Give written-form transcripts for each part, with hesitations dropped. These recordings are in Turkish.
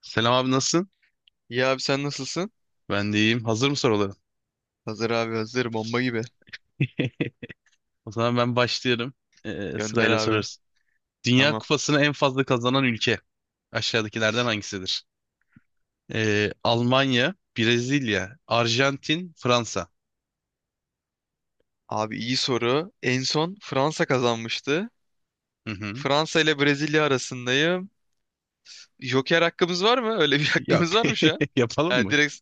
Selam abi, nasılsın? İyi abi sen nasılsın? Ben de iyiyim. Hazır mı soruların? Hazır abi hazır bomba gibi. O zaman ben başlıyorum. Gönder Sırayla abi. sorarız. Dünya Tamam. Kupası'nı en fazla kazanan ülke aşağıdakilerden hangisidir? Almanya, Brezilya, Arjantin, Fransa. Abi iyi soru. En son Fransa kazanmıştı. Hı hı. Fransa ile Brezilya arasındayım. Joker hakkımız var mı? Öyle bir Yok. hakkımız var mı şu an? Yapalım Ha, mı? direkt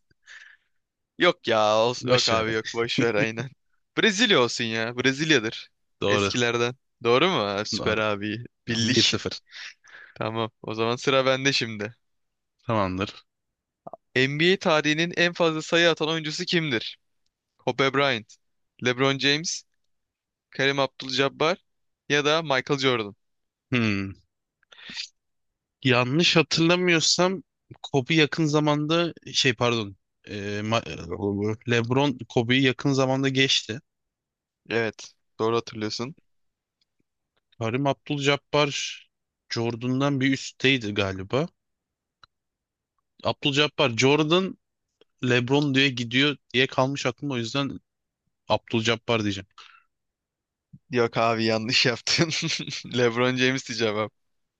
yok ya. Olsun. Yok Boş abi ver. yok. Boş ver aynen. Brezilya olsun ya. Brezilya'dır. Doğru. Eskilerden. Doğru mu? Ha, süper Doğru. abi. Tamam, Bildik. 1-0. Tamam. O zaman sıra bende şimdi. Tamamdır. NBA tarihinin en fazla sayı atan oyuncusu kimdir? Kobe Bryant, LeBron James, Kareem Abdul-Jabbar ya da Michael Jordan. Hmm. Yanlış hatırlamıyorsam Kobe yakın zamanda pardon. Ee, LeBron Kobe'yi yakın zamanda geçti. Evet, doğru hatırlıyorsun. Karim Abdul-Jabbar Jordan'dan bir üstteydi galiba. Abdul-Jabbar, Jordan, LeBron diye gidiyor diye kalmış aklımda, o yüzden Abdul-Jabbar diyeceğim. Yok abi yanlış yaptın. LeBron James'ti cevap.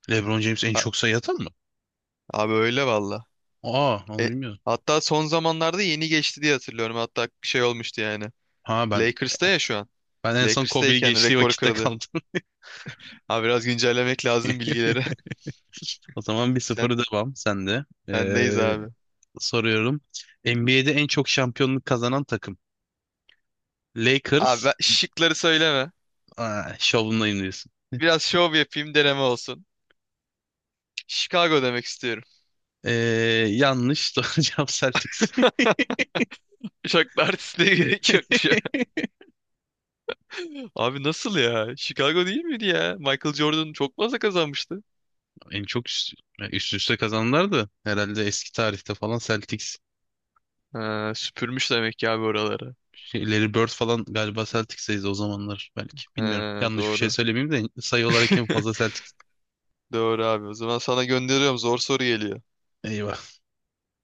LeBron James en Ha- çok sayı atan mı? abi öyle valla. Aa, onu E, bilmiyordum. hatta son zamanlarda yeni geçti diye hatırlıyorum. Hatta bir şey olmuştu yani. Ha ben Lakers'ta ya şu an. Ben en son Kobe'yi Lakers'tayken geçtiği rekor vakitte kırdı. kaldım. Abi biraz güncellemek lazım bilgileri. O zaman Sen 1-0, devam sende. bendeyiz abi. Soruyorum. NBA'de en çok şampiyonluk kazanan takım. Abi Lakers. Şıkları söyleme. Aa, şovundayım diyorsun. Biraz şov yapayım deneme olsun. Chicago demek istiyorum. Ee, Yanlış. Doğru cevap Celtics. Şaklar artistliğe gerek yok. Abi nasıl ya? Chicago değil miydi ya? Michael Jordan çok fazla kazanmıştı. En çok üst, Yani üst üste kazananlar da herhalde eski tarihte falan Celtics. Ha, süpürmüş demek ki abi oraları. Şey, Larry Bird falan galiba Celtics'teydi o zamanlar belki. Bilmiyorum. Ha, Yanlış bir şey doğru. söylemeyeyim de sayı olarak en fazla Celtics. Doğru abi. O zaman sana gönderiyorum. Zor soru geliyor. Eyvah.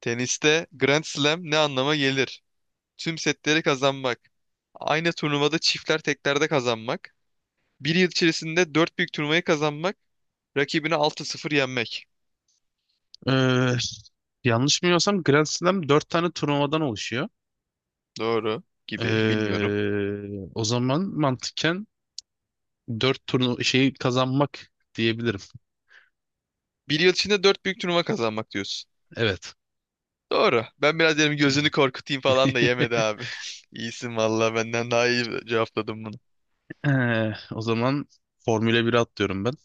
Teniste Grand Slam ne anlama gelir? Tüm setleri kazanmak. Aynı turnuvada çiftler teklerde kazanmak. Bir yıl içerisinde dört büyük turnuvayı kazanmak. Rakibini 6-0 yenmek. Ee, Yanlış bilmiyorsam Grand Slam 4 tane turnuvadan oluşuyor. Doğru gibi. Bilmiyorum. O zaman mantıken 4 şeyi kazanmak diyebilirim. Bir yıl içinde dört büyük turnuva kazanmak diyorsun. Evet. Doğru. Ben biraz dedim gözünü korkutayım falan da yemedi abi. İyisin valla benden daha iyi cevapladım bunu. O zaman Formula 1'e atlıyorum ben.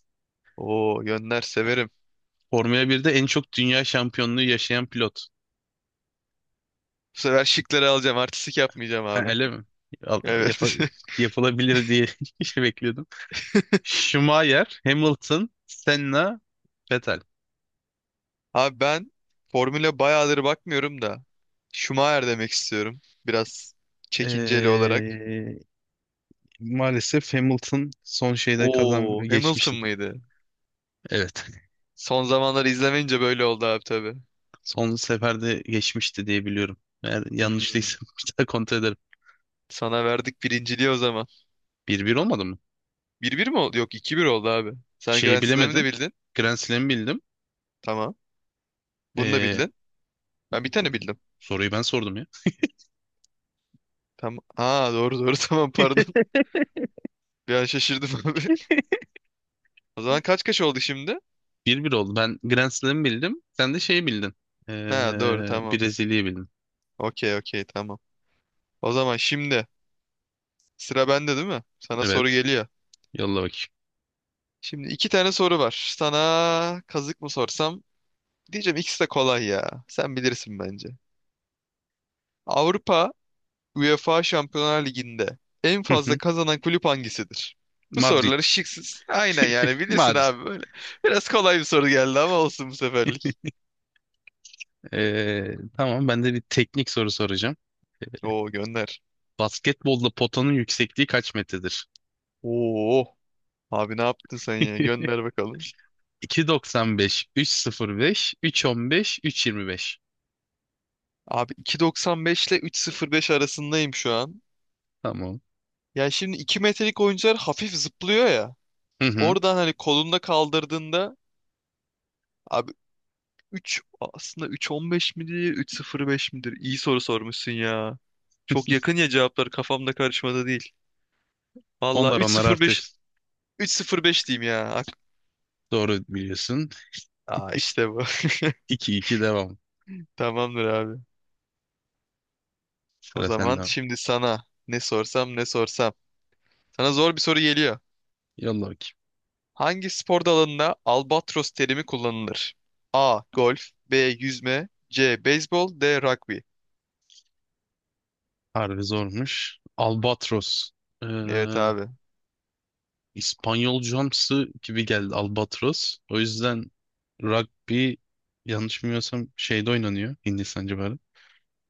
Oo yönler severim. Formula 1'de en çok dünya şampiyonluğu yaşayan pilot. Bu sefer şıkları alacağım. Artistik yapmayacağım Ha, abi. öyle mi? Al- Evet. yapa- Yapılabilir diye şey bekliyordum. Schumacher, Hamilton, Senna, Vettel. Abi ben formüle bayağıdır bakmıyorum da. Schumacher demek istiyorum. Biraz çekinceli olarak. Ee, Maalesef Hamilton son şeyde kazan Oo Hamilton geçmişti. mıydı? Evet. Son zamanları izlemeyince böyle oldu abi tabii. Son seferde geçmişti diye biliyorum. Eğer Hmm, yanlışlıysa bir daha kontrol ederim. sana verdik birinciliği o zaman. 1-1 olmadı mı? 1-1 mi oldu? Yok, 2-1 oldu abi. Sen Şeyi Grand Slam'ı da bilemedim. bildin. Grand Slam'ı bildim. Tamam. Bunu da Ee, bildin. Ben bir Bu tane bildim. soruyu ben sordum ya. Tamam. Aa, doğru doğru tamam pardon. Bir an şaşırdım abi. O zaman kaç kaç oldu şimdi? 1-1 oldu. Ben Grand Slam'ı bildim. Sen de şeyi bildin. Ee, Ha, doğru tamam. Brezilya'yı bildin. Okey okey tamam. O zaman şimdi sıra bende değil mi? Sana soru Evet. geliyor. Yolla bakayım. Şimdi iki tane soru var. Sana kazık mı sorsam? Diyeceğim ikisi de kolay ya. Sen bilirsin bence. Avrupa UEFA Şampiyonlar Ligi'nde en Hı fazla hı. kazanan kulüp hangisidir? Bu soruları Madrid. şıksız. Aynen yani bilirsin Madrid. abi böyle. Biraz kolay bir soru geldi ama olsun bu seferlik. Tamam, ben de bir teknik soru soracağım. Oo gönder. Basketbolda potanın yüksekliği kaç metredir? Oo. Abi ne yaptın sen ya? Gönder bakalım. 2.95, 3.05, 3.15, 3.25. Abi 2.95 ile 3.05 arasındayım şu an. Tamam. Yani şimdi 2 metrelik oyuncular hafif zıplıyor ya. Hı hı. Oradan hani kolunda kaldırdığında abi 3 aslında 3.15 midir 3.05 midir? İyi soru sormuşsun ya. Çok yakın ya cevaplar kafamda karışmadı değil. Valla Onlar artık 3.05 3.05 diyeyim ya. Doğru biliyorsun. Aa, işte bu. 2-2 devam. Tamamdır abi. O Sıra sende zaman abi. şimdi sana ne sorsam ne sorsam. Sana zor bir soru geliyor. Yolla bakayım. Hangi spor dalında albatros terimi kullanılır? A. Golf, B. Yüzme, C. Beyzbol, D. Rugby. Harbi zormuş. Albatros. Ee, Evet abi. İspanyolcamsı gibi geldi Albatros. O yüzden rugby, yanlış bilmiyorsam, şeyde oynanıyor, Hindistan civarı.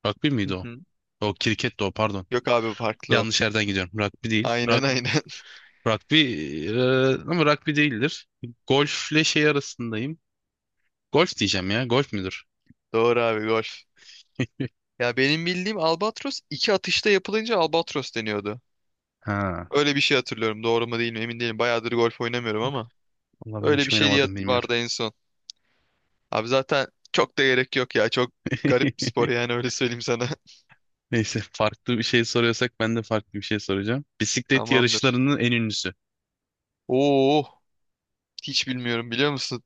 Rugby miydi Hı o? hı. O kriket de o, pardon. Yok abi, farklı o. Yanlış yerden gidiyorum. Rugby değil. Aynen Rug, aynen. rugby ama rugby değildir. Golfle şey arasındayım. Golf diyeceğim ya. Golf müdür? Doğru abi, golf. Ya benim bildiğim albatros iki atışta yapılınca albatros deniyordu. Ha. Öyle bir şey hatırlıyorum. Doğru mu değil mi emin değilim. Bayağıdır golf oynamıyorum ama. Valla ben Öyle hiç bir şey diye oynamadım, bilmiyorum. vardı en son. Abi zaten çok da gerek yok ya. Çok garip bir spor yani, öyle söyleyeyim sana. Neyse, farklı bir şey soruyorsak ben de farklı bir şey soracağım. Bisiklet Tamamdır. yarışlarının en ünlüsü. Oo, hiç bilmiyorum, biliyor musun?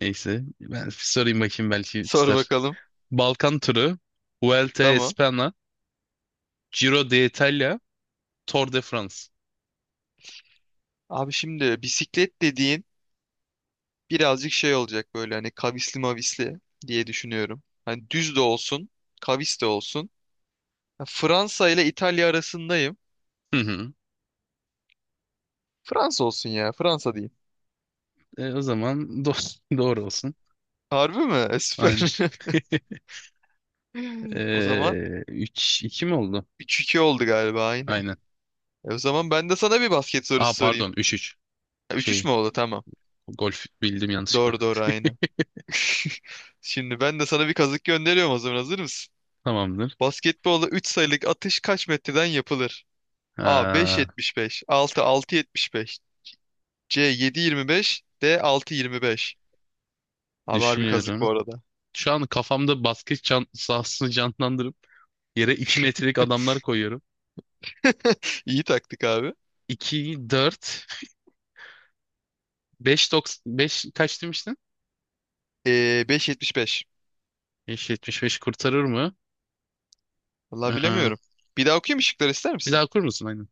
Neyse, ben sorayım bakayım, belki Sor tutar. bakalım. Balkan turu, Vuelta a Tamam. España, Giro d'Italia, Tour de France. Abi şimdi bisiklet dediğin birazcık şey olacak, böyle hani kavisli mavisli diye düşünüyorum. Hani düz de olsun, kavis de olsun. Ya Fransa ile İtalya arasındayım. Hı hı. Fransa olsun ya, Fransa diyeyim. O zaman doğru olsun. Harbi mi? Aynen. Süper. O zaman E, 3-2 mi oldu? 3-2 oldu galiba, aynen. Aynen. O zaman ben de sana bir basket Aa sorusu sorayım. pardon, 3-3. Ha, üç 3 Şey mü oldu? Tamam. Golf bildim yanlışlıkla. Doğru doğru aynen. Şimdi ben de sana bir kazık gönderiyorum, o zaman hazır mısın? Tamamdır. Basketbolda 3 sayılık atış kaç metreden yapılır? A Ha, 5.75, 6 6.75, C 7.25, D 6.25. Abi harbi kazık bu düşünüyorum. arada. Şu an kafamda basket can sahasını canlandırıp yere 2 metrelik adamlar koyuyorum. İyi taktik abi. 2, 4, 5, 5 kaç demiştin? Ee, 5.75. 5, 75 kurtarır mı? Vallahi Ee, bilemiyorum. Bir daha okuyayım mı şıkları, ister Bir misin? daha okur musun?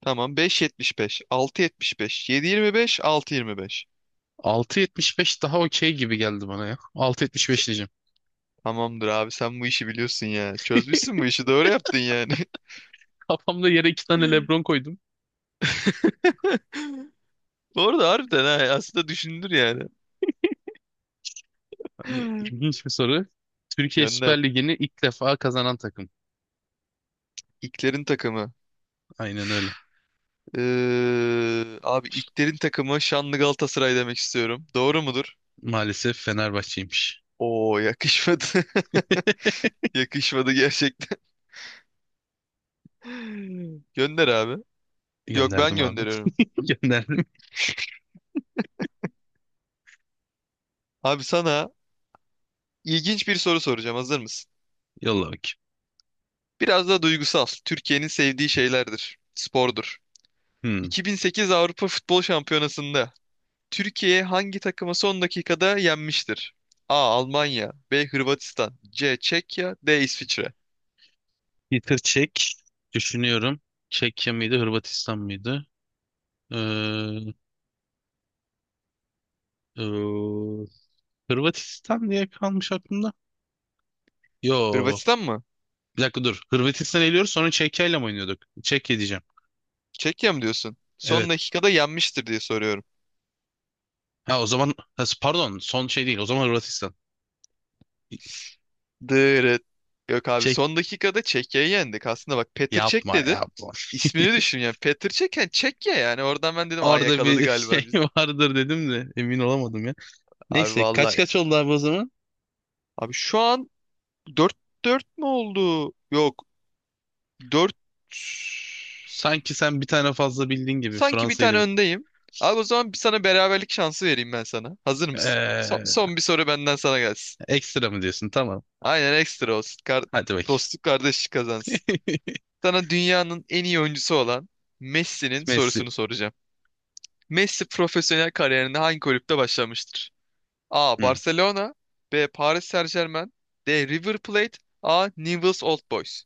Tamam, 5.75, 6.75, 7.25, 6.25. 6.75 daha okey gibi geldi bana ya. S- 6.75 diyeceğim. Tamamdır abi, sen bu işi biliyorsun ya. Çözmüşsün bu işi, doğru yaptın yani. Kafamda yere iki tane LeBron koydum. Bu arada harbiden ha, aslında düşündür yani. Hani ilginç bir soru. Türkiye Gönder. Süper Ligi'ni ilk defa kazanan takım. İlklerin takımı. Aynen öyle. Abi İlkler'in takımı Şanlı Galatasaray demek istiyorum. Doğru mudur? Maalesef Fenerbahçe'ymiş. Oo, yakışmadı. Yakışmadı gerçekten. Gönder abi. Yok, ben Gönderdim abi. gönderiyorum. Gönderdim. Abi sana ilginç bir soru soracağım. Hazır mısın? Yolla bakayım. Biraz da duygusal. Türkiye'nin sevdiği şeylerdir. Spordur. Hmm. 2008 Avrupa Futbol Şampiyonası'nda Türkiye hangi takımı son dakikada yenmiştir? A. Almanya, B. Hırvatistan, C. Çekya, D. İsviçre. Peter Çek. Düşünüyorum. Çekya mıydı, Hırvatistan mıydı? Ee, ee, Hırvatistan diye kalmış aklımda. Yo. Hırvatistan mı? Bir dakika dur. Hırvatistan eliyoruz, sonra Çekya'yla mı oynuyorduk? Çekya diyeceğim. Çekya mı diyorsun? Son Evet. dakikada yenmiştir diye soruyorum. Ha o zaman, ha pardon, son şey değil, o zaman Hırvatistan. Dırıt. Yok abi, Şey son dakikada Çekya'yı yendik. Aslında bak, Petr Çek Yapma dedin. yapma. İsmini düşün yani. Petr Çek, yani Çekya yani. Oradan ben dedim, aa Orada yakaladı bir galiba şey biz. vardır dedim de emin olamadım ya. Abi Neyse kaç vallahi. kaç oldu abi o zaman? Abi şu an 4-4 mü oldu? Yok. Dört Sanki sen bir tane fazla bildiğin gibi, sanki bir Fransa'yı tane da… öndeyim. Abi o zaman bir sana beraberlik şansı vereyim ben sana. Hazır mısın? Son, Ee, son bir soru benden sana gelsin. Ekstra mı diyorsun? Tamam. Aynen, ekstra olsun. Kar- Hadi bakayım. dostluk kardeşlik kazansın. Sana dünyanın en iyi oyuncusu olan Messi'nin Messi. sorusunu soracağım. Messi profesyonel kariyerinde hangi kulüpte başlamıştır? A. Hı. Barcelona, B. Paris Saint-Germain, D. River Plate, A. Newell's Old Boys.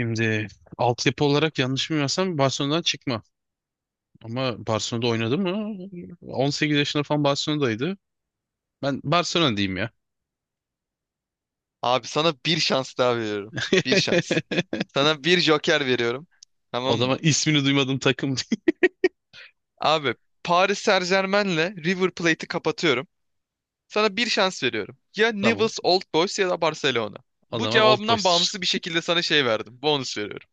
Şimdi altyapı olarak yanlış bilmiyorsam Barcelona'dan çıkma. Ama Barcelona'da oynadı mı? 18 yaşında falan Barcelona'daydı. Ben Barcelona diyeyim ya. Abi sana bir şans daha veriyorum. Bir şans. Sana bir joker veriyorum. O Tamam mı? zaman ismini duymadığım takım değil. Abi Paris Saint-Germain'le River Plate'i kapatıyorum. Sana bir şans veriyorum. Ya Tamam. Newell's Old Boys ya da Barcelona. O Bu zaman Old cevabından Boys'tur. bağımsız bir şekilde sana şey verdim. Bonus veriyorum.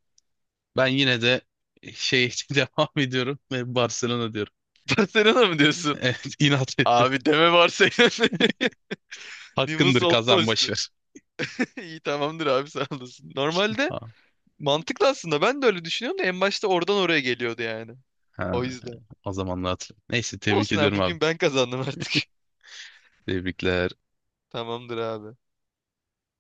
Ben yine de şey devam ediyorum ve Barcelona diyorum. Barcelona mı diyorsun? Evet, inat ettim. Abi deme varsayılan Nimbus Hakkındır, kazan, boş Oldmost'u. ver. İyi, tamamdır abi, sağ olasın. Normalde Ha, mantıklı, aslında ben de öyle düşünüyorum da, en başta oradan oraya geliyordu yani. ha, O yüzden. o zamanlar hatırlıyorum. Neyse, tebrik Olsun abi, ediyorum abi. bugün ben kazandım artık. Tebrikler. Tamamdır abi.